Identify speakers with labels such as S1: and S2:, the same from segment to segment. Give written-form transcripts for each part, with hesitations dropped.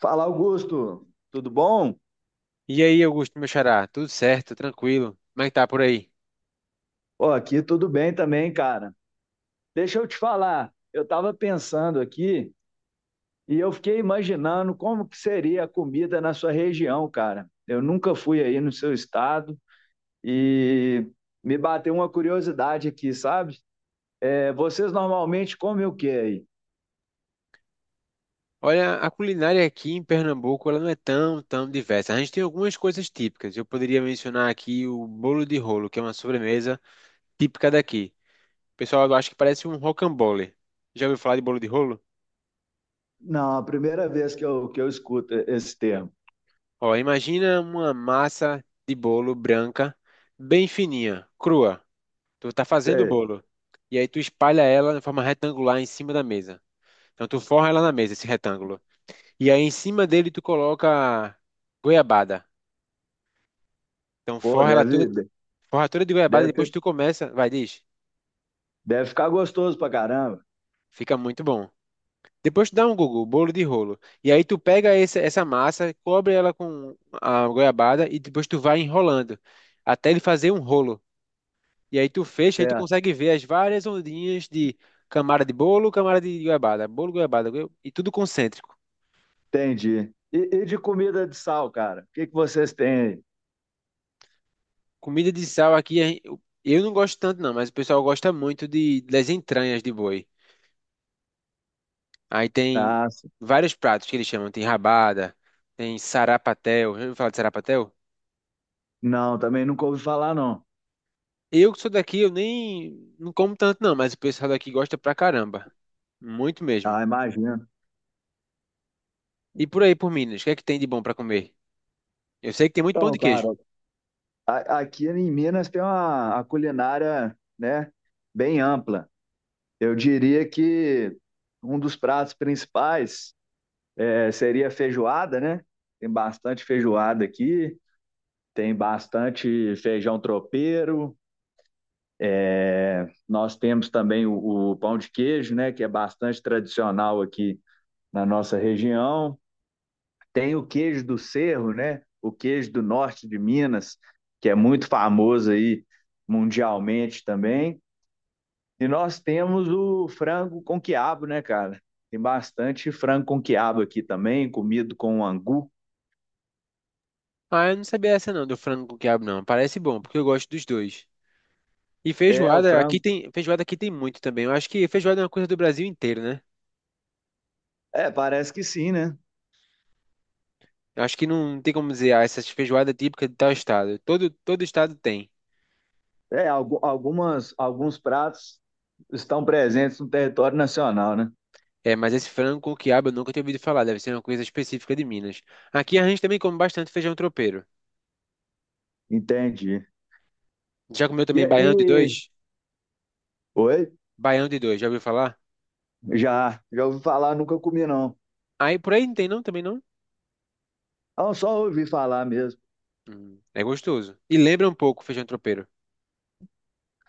S1: Fala, Augusto, tudo bom?
S2: E aí, Augusto, meu xará, tudo certo, tranquilo? Como é que tá por aí?
S1: Ó, aqui tudo bem também, cara. Deixa eu te falar, eu estava pensando aqui e eu fiquei imaginando como que seria a comida na sua região, cara. Eu nunca fui aí no seu estado e me bateu uma curiosidade aqui, sabe? Vocês normalmente comem o que aí?
S2: Olha, a culinária aqui em Pernambuco, ela não é tão diversa. A gente tem algumas coisas típicas. Eu poderia mencionar aqui o bolo de rolo, que é uma sobremesa típica daqui. O pessoal, eu acho que parece um rocambole. Já ouviu falar de bolo de rolo?
S1: Não, a primeira vez que eu escuto esse termo.
S2: Ó, imagina uma massa de bolo branca, bem fininha, crua. Tu tá fazendo o
S1: Sei,
S2: bolo. E aí tu espalha ela de forma retangular em cima da mesa. Então tu forra ela na mesa, esse retângulo. E aí em cima dele tu coloca goiabada. Então
S1: pô,
S2: forra ela toda, forra toda de goiabada, depois
S1: deve,
S2: tu começa, vai, diz,
S1: deve ficar gostoso pra caramba.
S2: fica muito bom. Depois tu dá um Google, bolo de rolo. E aí tu pega essa massa, cobre ela com a goiabada e depois tu vai enrolando até ele fazer um rolo. E aí tu fecha, aí tu consegue ver as várias ondinhas de camada de bolo, camada de goiabada, bolo, goiabada, e tudo concêntrico.
S1: Entendi. E de comida de sal, cara? O que que vocês têm aí?
S2: Comida de sal aqui, eu não gosto tanto não, mas o pessoal gosta muito de, das entranhas de boi. Aí tem
S1: Ah, sim.
S2: vários pratos que eles chamam. Tem rabada, tem sarapatel. Já ouviu falar de sarapatel?
S1: Não, também nunca ouvi falar, não.
S2: Eu que sou daqui, eu nem não como tanto não, mas o pessoal daqui gosta pra caramba. Muito mesmo.
S1: Ah, imagino.
S2: E por aí, por Minas, o que é que tem de bom pra comer? Eu sei que tem muito pão
S1: Então,
S2: de queijo.
S1: cara, aqui em Minas tem a culinária, né, bem ampla. Eu diria que um dos pratos principais seria a feijoada, né? Tem bastante feijoada aqui, tem bastante feijão tropeiro. Nós temos também o pão de queijo, né, que é bastante tradicional aqui na nossa região. Tem o queijo do Cerro, né? O queijo do norte de Minas, que é muito famoso aí mundialmente também. E nós temos o frango com quiabo, né, cara? Tem bastante frango com quiabo aqui também, comido com angu.
S2: Ah, eu não sabia essa não, do frango com quiabo não. Parece bom, porque eu gosto dos dois. E
S1: É, o frango.
S2: feijoada aqui tem muito também. Eu acho que feijoada é uma coisa do Brasil inteiro, né?
S1: É, parece que sim, né?
S2: Eu acho que não tem como dizer, ah, essa feijoada é típica de tal estado. Todo estado tem.
S1: É, algumas, alguns pratos estão presentes no território nacional, né?
S2: É, mas esse frango com quiabo eu nunca tinha ouvido falar, deve ser uma coisa específica de Minas. Aqui a gente também come bastante feijão tropeiro.
S1: Entendi.
S2: Já comeu também baião de
S1: E...
S2: dois?
S1: Oi?
S2: Baião de dois, já ouviu falar?
S1: Já, já ouvi falar, nunca comi, não.
S2: Aí por aí não tem não, também não?
S1: Ah, só ouvi falar mesmo,
S2: É gostoso. E lembra um pouco o feijão tropeiro.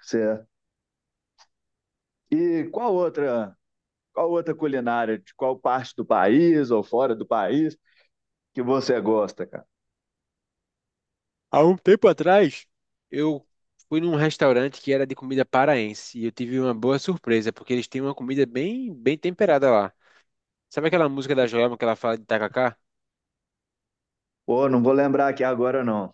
S1: certo. E qual outra culinária, de qual parte do país ou fora do país que você gosta, cara?
S2: Há um tempo atrás, eu fui num restaurante que era de comida paraense e eu tive uma boa surpresa, porque eles têm uma comida bem temperada lá. Sabe aquela música da Joelma que ela fala de tacacá?
S1: Pô, não vou lembrar aqui agora não,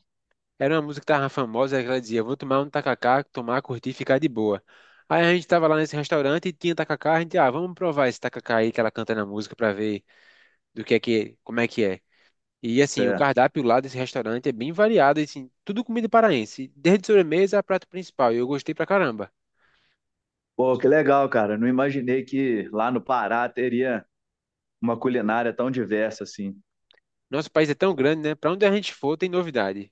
S2: Era uma música que tava famosa, que ela dizia, vou tomar um tacacá, tomar, curtir, ficar de boa. Aí a gente tava lá nesse restaurante e tinha tacacá, a gente, ah, vamos provar esse tacacá aí que ela canta na música pra ver do que é que, como é que é. E assim, o
S1: certo.
S2: cardápio lá desse restaurante é bem variado, e, assim, tudo comida paraense, desde sobremesa a prato principal, e eu gostei pra caramba.
S1: Pô, que legal, cara. Não imaginei que lá no Pará teria uma culinária tão diversa assim.
S2: Nosso país é tão grande, né? Pra onde a gente for tem novidade.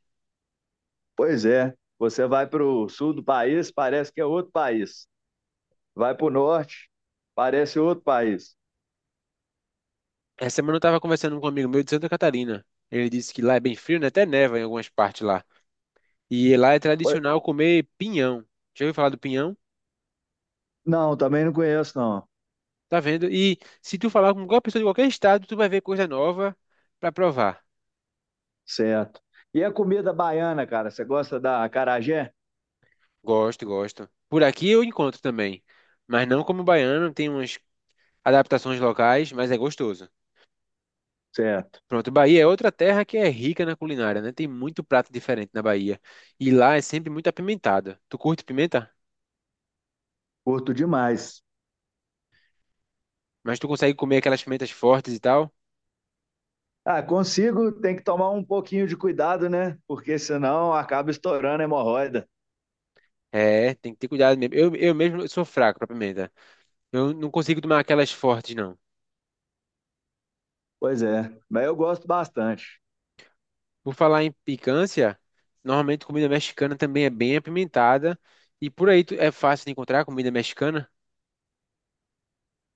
S1: Pois é, você vai para o sul do país, parece que é outro país. Vai para o norte, parece outro país.
S2: Essa semana eu tava conversando com um amigo meu de Santa Catarina. Ele disse que lá é bem frio, né? Até neva em algumas partes lá. E lá é
S1: Pô,
S2: tradicional comer pinhão. Já ouviu falar do pinhão?
S1: não, também não conheço, não.
S2: Tá vendo? E se tu falar com qualquer pessoa de qualquer estado, tu vai ver coisa nova pra provar.
S1: Certo. E a comida baiana, cara? Você gosta da acarajé?
S2: Gosto, gosto. Por aqui eu encontro também, mas não como baiano, tem umas adaptações locais, mas é gostoso.
S1: Certo.
S2: Pronto, Bahia é outra terra que é rica na culinária, né? Tem muito prato diferente na Bahia. E lá é sempre muito apimentado. Tu curte pimenta?
S1: Curto demais.
S2: Mas tu consegue comer aquelas pimentas fortes e tal?
S1: Ah, consigo, tem que tomar um pouquinho de cuidado, né? Porque senão acaba estourando a hemorroida.
S2: É, tem que ter cuidado mesmo. Eu mesmo sou fraco pra pimenta. Eu não consigo tomar aquelas fortes, não.
S1: Pois é, mas eu gosto bastante.
S2: Por falar em picância, normalmente comida mexicana também é bem apimentada. E por aí é fácil de encontrar comida mexicana.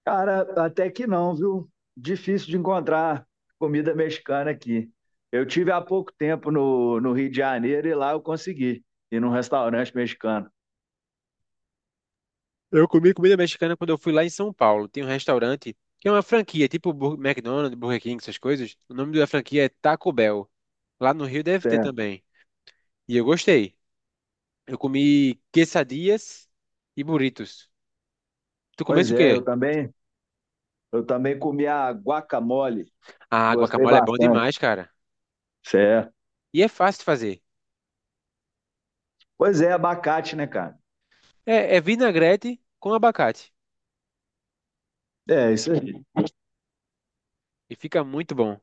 S1: Cara, até que não, viu? Difícil de encontrar comida mexicana aqui. Eu tive há pouco tempo no Rio de Janeiro e lá eu consegui ir num restaurante mexicano.
S2: Eu comi comida mexicana quando eu fui lá em São Paulo. Tem um restaurante que é uma franquia, tipo McDonald's, Burger King, essas coisas. O nome da franquia é Taco Bell. Lá no Rio deve ter
S1: Certo.
S2: também. E eu gostei. Eu comi quesadillas e burritos. Tu comesse
S1: Pois
S2: o
S1: é,
S2: quê?
S1: eu também comi a guacamole.
S2: Ah,
S1: Gostei
S2: guacamole é bom
S1: bastante.
S2: demais, cara.
S1: Certo.
S2: E é fácil de fazer.
S1: Pois é, abacate, né, cara?
S2: É, é vinagrete com abacate.
S1: É, isso.
S2: E fica muito bom.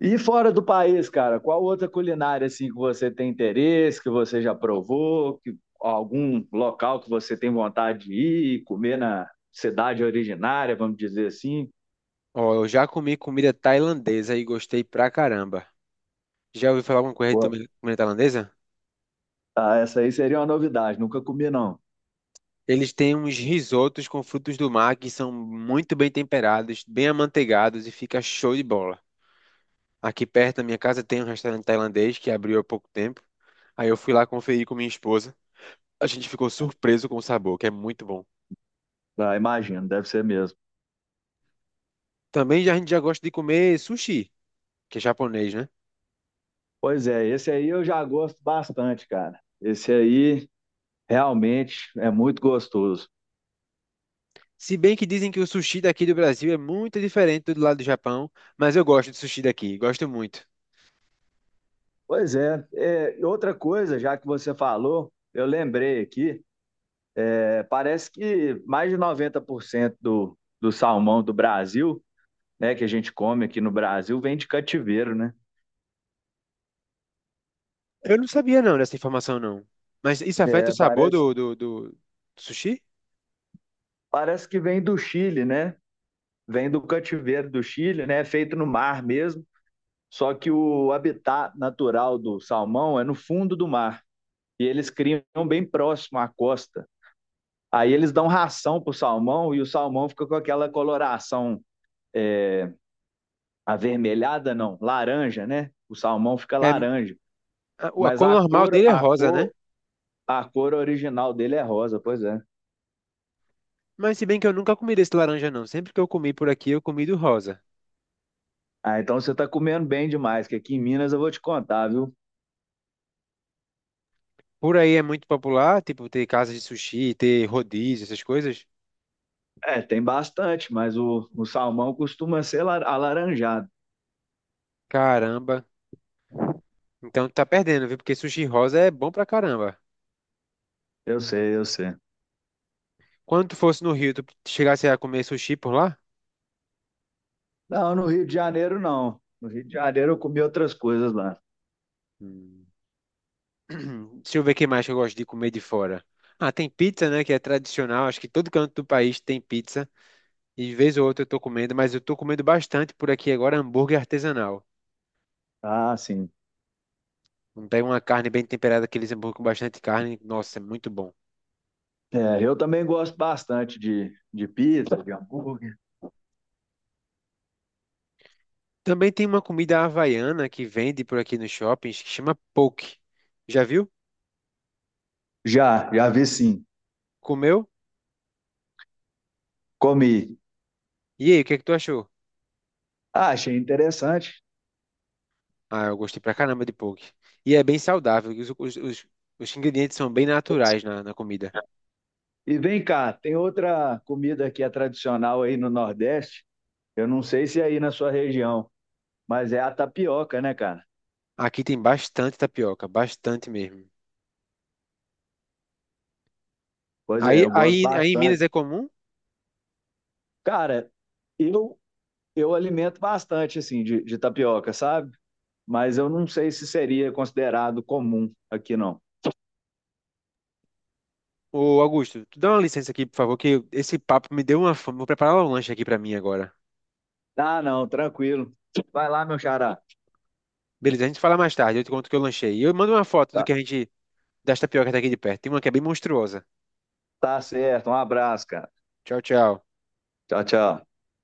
S1: E fora do país, cara, qual outra culinária assim que você tem interesse, que você já provou, que algum local que você tem vontade de ir e comer na cidade originária, vamos dizer assim?
S2: Ó, eu já comi comida tailandesa e gostei pra caramba. Já ouviu falar alguma coisa de
S1: Pô,
S2: comida tailandesa?
S1: ah, essa aí seria uma novidade, nunca comi não.
S2: Eles têm uns risotos com frutos do mar que são muito bem temperados, bem amanteigados e fica show de bola. Aqui perto da minha casa tem um restaurante tailandês que abriu há pouco tempo. Aí eu fui lá conferir com minha esposa. A gente ficou surpreso com o sabor, que é muito bom.
S1: Ah, imagino, deve ser mesmo.
S2: Também já, a gente já gosta de comer sushi, que é japonês, né?
S1: Pois é, esse aí eu já gosto bastante, cara. Esse aí realmente é muito gostoso.
S2: Se bem que dizem que o sushi daqui do Brasil é muito diferente do lado do Japão, mas eu gosto de sushi daqui, gosto muito.
S1: Pois é, é, outra coisa, já que você falou, eu lembrei aqui. Parece que mais de 90% do salmão do Brasil, né, que a gente come aqui no Brasil, vem de cativeiro, né?
S2: Eu não sabia não dessa informação não. Mas isso afeta o
S1: É,
S2: sabor
S1: parece,
S2: do sushi?
S1: parece que vem do Chile, né? Vem do cativeiro do Chile, né? É feito no mar mesmo. Só que o habitat natural do salmão é no fundo do mar. E eles criam bem próximo à costa. Aí eles dão ração para o salmão e o salmão fica com aquela coloração é, avermelhada, não, laranja, né? O salmão fica
S2: É,
S1: laranja.
S2: a
S1: Mas
S2: cor normal dele é rosa, né?
S1: a cor original dele é rosa, pois é.
S2: Mas se bem que eu nunca comi desse laranja não. Sempre que eu comi por aqui, eu comi do rosa.
S1: Ah, então você tá comendo bem demais, que aqui em Minas eu vou te contar, viu?
S2: Por aí é muito popular, tipo, ter casas de sushi, ter rodízio, essas coisas.
S1: É, tem bastante, mas o salmão costuma ser alaranjado.
S2: Caramba. Então tu tá perdendo, viu? Porque sushi rosa é bom pra caramba.
S1: Eu sei, eu sei.
S2: Quando tu fosse no Rio, tu chegasse a comer sushi por lá?
S1: Não, no Rio de Janeiro não. No Rio de Janeiro eu comi outras coisas lá.
S2: Hum. Deixa eu ver o que mais que eu gosto de comer de fora. Ah, tem pizza, né? Que é tradicional. Acho que todo canto do país tem pizza. E de vez ou outra eu tô comendo, mas eu tô comendo bastante por aqui agora hambúrguer artesanal.
S1: Ah, sim.
S2: Não pega uma carne bem temperada, aqueles hambúrguer com bastante carne, nossa, é muito bom.
S1: É, eu também gosto bastante de pizza, de hambúrguer.
S2: Também tem uma comida havaiana que vende por aqui nos shoppings que chama poke. Já viu?
S1: Já, já vi sim.
S2: Comeu?
S1: Comi.
S2: E aí, o que é que tu achou?
S1: Ah, achei interessante.
S2: Ah, eu gostei pra caramba de poke. E é bem saudável, os ingredientes são bem naturais na comida.
S1: E vem cá, tem outra comida que é tradicional aí no Nordeste. Eu não sei se é aí na sua região, mas é a tapioca, né, cara?
S2: Aqui tem bastante tapioca, bastante mesmo.
S1: Pois é,
S2: Aí,
S1: eu gosto
S2: aí, aí em Minas
S1: bastante.
S2: é comum?
S1: Cara, eu, eu alimento bastante, assim, de tapioca, sabe? Mas eu não sei se seria considerado comum aqui, não.
S2: Ô, Augusto, tu dá uma licença aqui, por favor, que esse papo me deu uma fome. Vou preparar um lanche aqui pra mim agora.
S1: Ah, não, tranquilo. Vai lá, meu xará.
S2: Beleza, a gente fala mais tarde, eu te conto o que eu lanchei. E eu mando uma foto do
S1: Tá,
S2: que a gente, das tapiocas daqui de perto. Tem uma que é bem monstruosa.
S1: tá certo. Um abraço, cara.
S2: Tchau, tchau.
S1: Tchau, tchau.